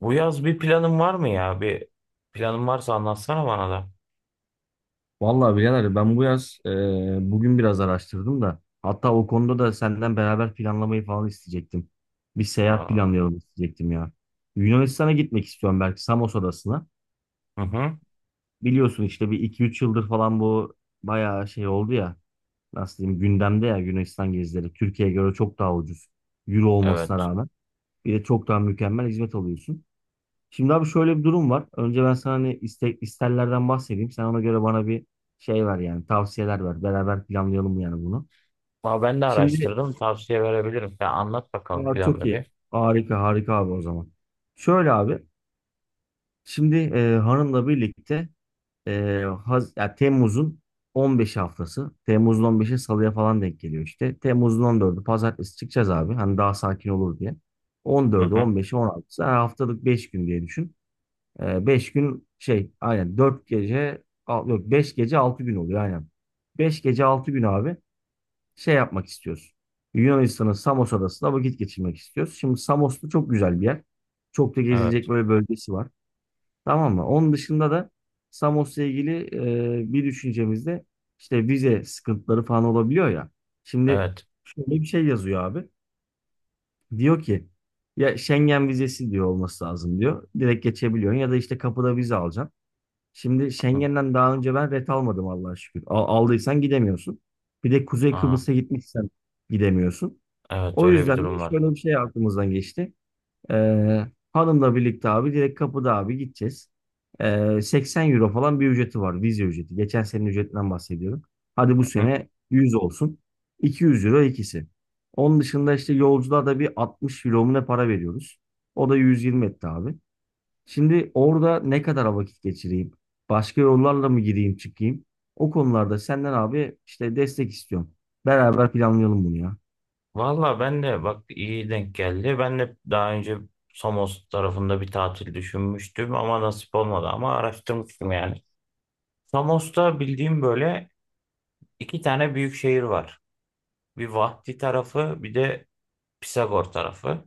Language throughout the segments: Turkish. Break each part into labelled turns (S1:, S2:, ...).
S1: Bu yaz bir planın var mı ya? Bir planın varsa anlatsana bana da.
S2: Vallahi birader ben bu yaz bugün biraz araştırdım da hatta o konuda da senden beraber planlamayı falan isteyecektim. Bir seyahat
S1: Aa,
S2: planlayalım isteyecektim ya. Yunanistan'a gitmek istiyorum, belki Samos Adası'na.
S1: hı hı,
S2: Biliyorsun işte bir iki üç yıldır falan bu bayağı şey oldu ya. Nasıl diyeyim, gündemde ya Yunanistan gezileri. Türkiye'ye göre çok daha ucuz. Euro olmasına
S1: evet.
S2: rağmen. Bir de çok daha mükemmel hizmet alıyorsun. Şimdi abi şöyle bir durum var. Önce ben sana hani isterlerden bahsedeyim. Sen ona göre bana bir şey ver, yani tavsiyeler ver. Beraber planlayalım yani bunu.
S1: Aa, ben de
S2: Şimdi.
S1: araştırdım. Tavsiye verebilirim. Sen anlat bakalım
S2: Aa, çok
S1: planını
S2: iyi.
S1: bir.
S2: Harika, harika abi o zaman. Şöyle abi. Şimdi hanımla birlikte ya Temmuz'un 15 haftası. Temmuz'un 15'i Salı'ya falan denk geliyor işte. Temmuz'un 14'ü Pazartesi çıkacağız abi. Hani daha sakin olur diye.
S1: Hı
S2: 14'ü,
S1: hı,
S2: 15'i, 16'sı. Her haftalık 5 gün diye düşün. Beş gün şey, aynen 4 gece yok, 5 gece 6 gün oluyor, aynen. 5 gece 6 gün abi şey yapmak istiyoruz. Yunanistan'ın Samos adasında vakit geçirmek istiyoruz. Şimdi Samos'ta çok güzel bir yer. Çok da
S1: evet.
S2: gezilecek böyle bölgesi var. Tamam mı? Onun dışında da Samos'la ilgili bir düşüncemizde işte vize sıkıntıları falan olabiliyor ya. Şimdi
S1: Evet.
S2: şöyle bir şey yazıyor abi. Diyor ki ya Schengen vizesi diyor, olması lazım diyor. Direkt geçebiliyorsun ya da işte kapıda vize alacaksın. Şimdi
S1: Hı hı.
S2: Schengen'den daha önce ben ret almadım, Allah'a şükür. Aldıysan gidemiyorsun. Bir de Kuzey
S1: Aa,
S2: Kıbrıs'a gitmişsen gidemiyorsun.
S1: evet
S2: O
S1: öyle bir
S2: yüzden de
S1: durum var.
S2: şöyle bir şey aklımızdan geçti. Ee, Hanımla birlikte abi direkt kapıda abi gideceğiz. 80 euro falan bir ücreti var. Vize ücreti. Geçen senenin ücretinden bahsediyorum. Hadi bu
S1: Hı hı.
S2: sene 100 olsun. 200 euro ikisi. Onun dışında işte yolculuğa da bir 60 euro mu ne para veriyoruz. O da 120 etti abi. Şimdi orada ne kadar vakit geçireyim? Başka yollarla mı gireyim, çıkayım? O konularda senden abi işte destek istiyorum. Beraber planlayalım bunu ya.
S1: Valla ben de bak iyi denk geldi. Ben de daha önce Samos tarafında bir tatil düşünmüştüm ama nasip olmadı ama araştırmıştım yani. Samos'ta bildiğim böyle iki tane büyük şehir var. Bir Vahdi tarafı bir de Pisagor tarafı.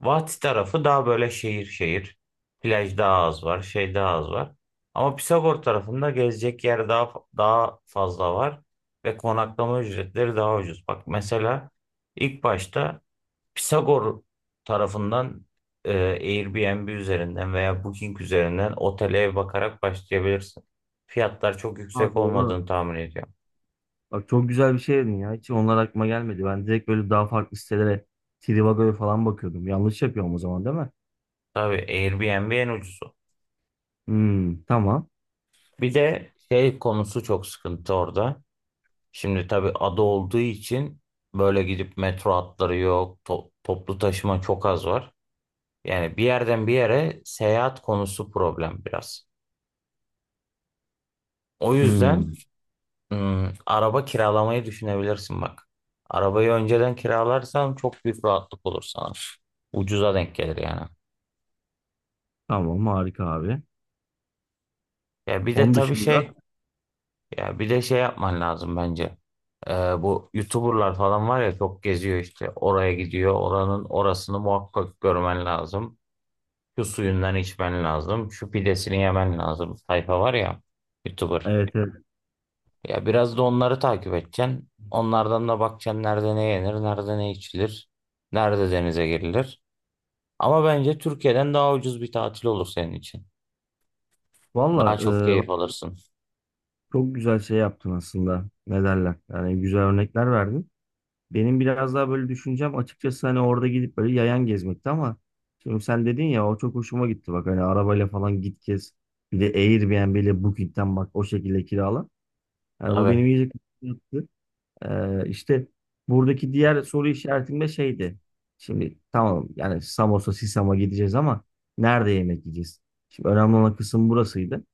S1: Vati tarafı daha böyle şehir şehir. Plaj daha az var, şey daha az var. Ama Pisagor tarafında gezecek yer daha fazla var ve konaklama ücretleri daha ucuz. Bak mesela ilk başta Pisagor tarafından Airbnb üzerinden veya Booking üzerinden otele ev bakarak başlayabilirsin. Fiyatlar çok
S2: Ha,
S1: yüksek
S2: doğru.
S1: olmadığını tahmin ediyorum.
S2: Bak, çok güzel bir şey dedin ya. Hiç onlar aklıma gelmedi. Ben direkt böyle daha farklı sitelere, Trivago'ya falan bakıyordum. Yanlış yapıyorum o zaman, değil mi?
S1: Tabii Airbnb en ucuzu.
S2: Hmm, tamam.
S1: Bir de şey konusu çok sıkıntı orada. Şimdi tabii ada olduğu için böyle gidip metro hatları yok, toplu taşıma çok az var. Yani bir yerden bir yere seyahat konusu problem biraz. O yüzden
S2: Hmm,
S1: araba kiralamayı düşünebilirsin bak. Arabayı önceden kiralarsan çok büyük rahatlık olur sana. Ucuza denk gelir yani.
S2: tamam, harika abi.
S1: Ya bir de
S2: Onun
S1: tabii
S2: dışında
S1: şey, ya bir de şey yapman lazım bence. Bu YouTuber'lar falan var ya çok geziyor işte. Oraya gidiyor, oranın orasını muhakkak görmen lazım. Şu suyundan içmen lazım. Şu pidesini yemen lazım. Sayfa var ya YouTuber.
S2: evet, evet.
S1: Ya biraz da onları takip edeceksin. Onlardan da bakacaksın nerede ne yenir, nerede ne içilir, nerede denize girilir. Ama bence Türkiye'den daha ucuz bir tatil olur senin için.
S2: Valla
S1: Daha çok
S2: bak,
S1: keyif alırsın.
S2: çok güzel şey yaptın aslında. Ne derler? Yani güzel örnekler verdin. Benim biraz daha böyle düşüncem açıkçası, hani orada gidip böyle yayan gezmekti, ama şimdi sen dedin ya, o çok hoşuma gitti bak, hani arabayla falan git gez, bir de Airbnb ile Booking'den bak o şekilde kirala. Yani bu
S1: Tabii.
S2: benim iyice yaptı. İşte buradaki diğer soru işaretim de şeydi. Şimdi tamam, yani Samos'a, Sisam'a gideceğiz ama nerede yemek yiyeceğiz? Şimdi önemli olan kısım burasıydı.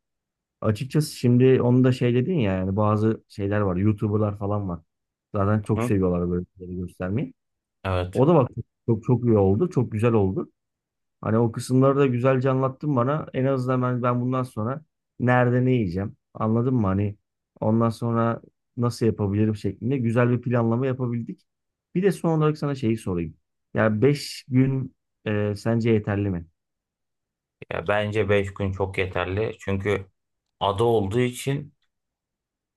S2: Açıkçası şimdi onu da şey dedin ya, yani bazı şeyler var, YouTuber'lar falan var. Zaten çok
S1: Hı?
S2: seviyorlar böyle şeyleri göstermeyi.
S1: Evet.
S2: O da bak çok, çok çok iyi oldu. Çok güzel oldu. Hani o kısımları da güzelce anlattın bana. En azından ben bundan sonra nerede ne yiyeceğim? Anladın mı? Hani ondan sonra nasıl yapabilirim şeklinde güzel bir planlama yapabildik. Bir de son olarak sana şeyi sorayım. Ya 5 gün sence yeterli mi?
S1: Ya bence 5 gün çok yeterli. Çünkü ada olduğu için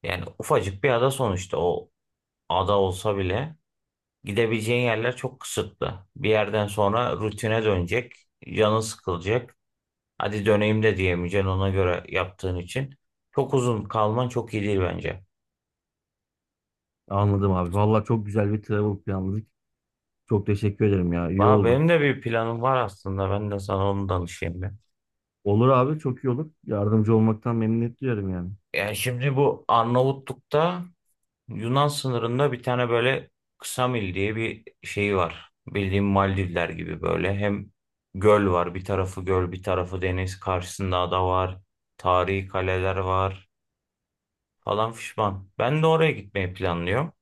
S1: yani ufacık bir ada sonuçta, o ada olsa bile gidebileceğin yerler çok kısıtlı. Bir yerden sonra rutine dönecek. Canın sıkılacak. Hadi döneyim de diyemeyeceksin ona göre yaptığın için. Çok uzun kalman çok iyi değil bence.
S2: Anladım abi. Vallahi çok güzel bir travel planladık. Çok teşekkür ederim ya. İyi
S1: Valla
S2: oldu.
S1: benim de bir planım var aslında. Ben de sana onu danışayım ben.
S2: Olur abi, çok iyi olur. Yardımcı olmaktan memnuniyet duyarım yani.
S1: Yani şimdi bu Arnavutluk'ta Yunan sınırında bir tane böyle Ksamil diye bir şey var. Bildiğim Maldivler gibi böyle. Hem göl var. Bir tarafı göl, bir tarafı deniz. Karşısında ada var. Tarihi kaleler var, falan fişman. Ben de oraya gitmeyi planlıyorum.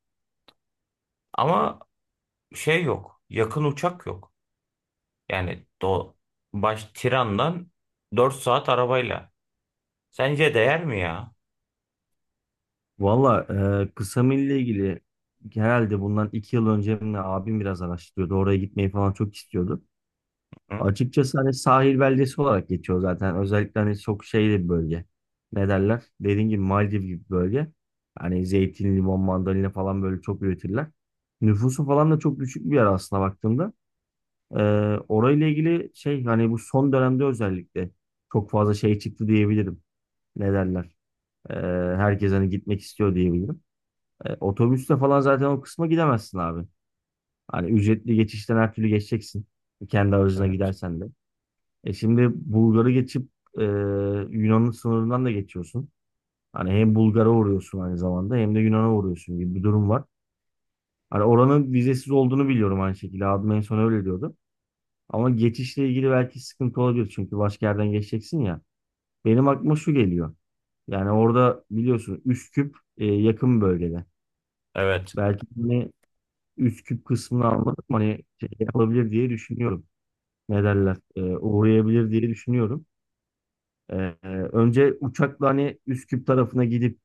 S1: Ama şey yok. Yakın uçak yok. Yani baş Tiran'dan 4 saat arabayla. Sence değer mi ya?
S2: Valla kısa milli ilgili herhalde bundan 2 yıl önce mi ne, abim biraz araştırıyordu. Oraya gitmeyi falan çok istiyordu.
S1: Hı?
S2: Açıkçası hani sahil beldesi olarak geçiyor zaten. Özellikle hani çok şeyli bir bölge. Ne derler? Dediğim gibi Maldiv gibi bir bölge. Hani zeytin, limon, mandalina falan böyle çok üretirler. Nüfusu falan da çok düşük bir yer aslında, baktığımda. E, Orayla ilgili şey, hani bu son dönemde özellikle çok fazla şey çıktı diyebilirim. Ne derler? E, Herkes hani gitmek istiyor diyebilirim. Otobüste falan zaten o kısma gidemezsin abi. Hani ücretli geçişten her türlü geçeceksin. Kendi aracına
S1: Evet.
S2: gidersen de. Şimdi Bulgar'ı geçip e, Yunan'ın sınırından da geçiyorsun. Hani hem Bulgar'a uğruyorsun aynı zamanda, hem de Yunan'a uğruyorsun gibi bir durum var. Hani oranın vizesiz olduğunu biliyorum aynı şekilde. Abim en son öyle diyordu. Ama geçişle ilgili belki sıkıntı olabilir. Çünkü başka yerden geçeceksin ya. Benim aklıma şu geliyor. Yani orada biliyorsun Üsküp yakın bölgede.
S1: Evet.
S2: Belki hani üst küp kısmını almadık mı? Hani şey alabilir diye düşünüyorum. Ne derler? Uğrayabilir diye düşünüyorum. Ee, Önce uçakla hani Üsküp tarafına gidip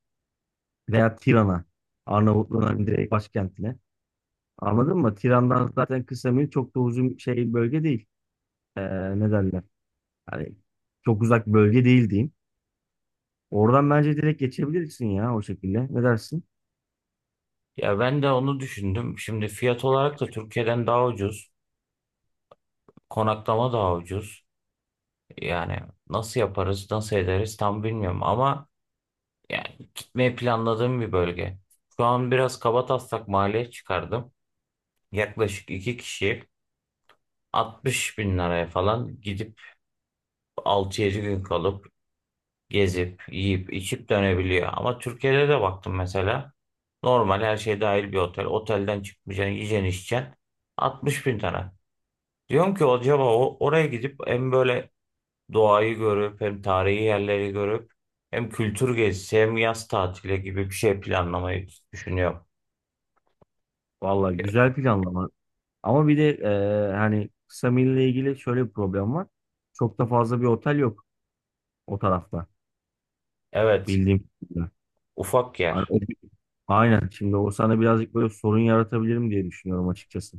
S2: veya Tiran'a, Arnavutluğun hani direkt başkentine. Anladın mı? Tiran'dan zaten kısa, çok da uzun şey bölge değil. Ne derler? Hani çok uzak bölge değil diyeyim. Oradan bence direkt geçebilirsin ya o şekilde. Ne dersin?
S1: Ya ben de onu düşündüm. Şimdi fiyat olarak da Türkiye'den daha ucuz. Konaklama daha ucuz. Yani nasıl yaparız, nasıl ederiz tam bilmiyorum ama yani gitmeyi planladığım bir bölge. Şu an biraz kabataslak maliyet çıkardım. Yaklaşık iki kişi. 60 bin liraya falan gidip 6-7 gün kalıp gezip yiyip içip dönebiliyor. Ama Türkiye'de de baktım mesela normal her şey dahil bir otel. Otelden çıkmayacaksın, yiyeceksin, içeceksin. 60 bin lira. Diyorum ki acaba oraya gidip hem böyle doğayı görüp hem tarihi yerleri görüp hem kültür gezisi hem yaz tatili gibi bir şey planlamayı düşünüyorum.
S2: Vallahi güzel planlama. Ama bir de hani kısa mille ilgili şöyle bir problem var. Çok da fazla bir otel yok o tarafta,
S1: Evet,
S2: bildiğim kadarıyla.
S1: ufak
S2: Hani
S1: yer.
S2: aynen. Şimdi o sana birazcık böyle sorun yaratabilirim diye düşünüyorum açıkçası.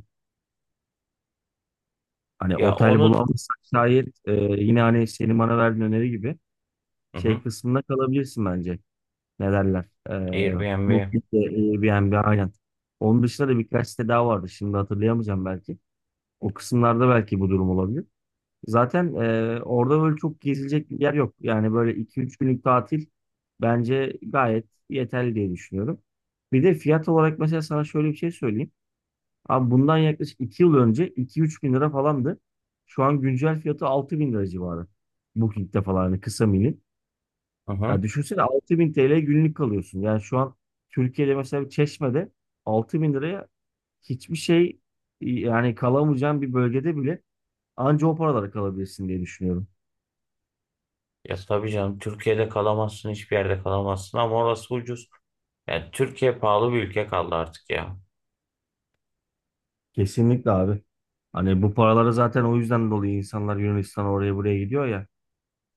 S2: Hani
S1: Ya
S2: otel
S1: onu
S2: bulamazsak şayet, yine hani senin bana verdiğin öneri gibi
S1: Hı
S2: şey
S1: hı,
S2: kısmında kalabilirsin bence. Ne derler?
S1: Airbnb.
S2: Booking'de, Airbnb aynen. Onun dışında da birkaç site daha vardı. Şimdi hatırlayamayacağım belki. O kısımlarda belki bu durum olabilir. Zaten orada böyle çok gezilecek bir yer yok. Yani böyle iki üç günlük tatil bence gayet yeterli diye düşünüyorum. Bir de fiyat olarak mesela sana şöyle bir şey söyleyeyim. Abi bundan yaklaşık 2 yıl önce 2-3 bin lira falandı. Şu an güncel fiyatı 6 bin lira civarı. Booking'de falan hani kısa milin.
S1: Hı hı.
S2: Ya düşünsene 6 bin TL günlük kalıyorsun. Yani şu an Türkiye'de mesela bir Çeşme'de 6 bin liraya hiçbir şey, yani kalamayacağın bir bölgede bile anca o paralara kalabilirsin diye düşünüyorum.
S1: Ya tabii canım, Türkiye'de kalamazsın, hiçbir yerde kalamazsın ama orası ucuz. Yani Türkiye pahalı bir ülke kaldı artık ya.
S2: Kesinlikle abi. Hani bu paraları zaten o yüzden dolayı insanlar Yunanistan'a, oraya buraya gidiyor ya.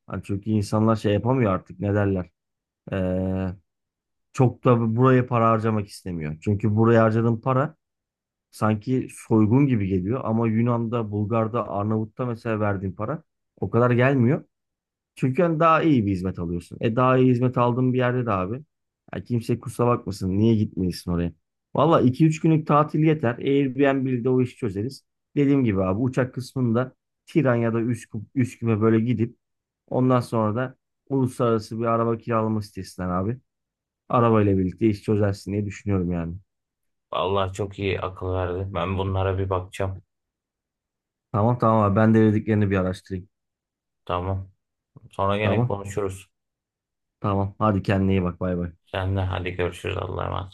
S2: Hani çünkü insanlar şey yapamıyor artık, ne derler. Ee, Çok da buraya para harcamak istemiyor. Çünkü buraya harcadığın para sanki soygun gibi geliyor. Ama Yunan'da, Bulgar'da, Arnavut'ta mesela verdiğin para o kadar gelmiyor. Çünkü hani daha iyi bir hizmet alıyorsun. Daha iyi hizmet aldığın bir yerde de abi. Ya kimse kusura bakmasın. Niye gitmeyesin oraya? Valla iki üç günlük tatil yeter. Airbnb'de o işi çözeriz. Dediğim gibi abi uçak kısmında Tiran ya da Üsküp'e böyle gidip ondan sonra da uluslararası bir araba kiralama sitesinden abi. Arabayla birlikte iş çözersin diye düşünüyorum yani.
S1: Allah çok iyi akıl verdi. Ben bunlara bir bakacağım.
S2: Tamam, tamam abi ben de dediklerini bir araştırayım.
S1: Tamam. Sonra gene
S2: Tamam,
S1: konuşuruz.
S2: tamam hadi kendine iyi bak, bay bay.
S1: Sen de hadi, görüşürüz, Allah'a emanet.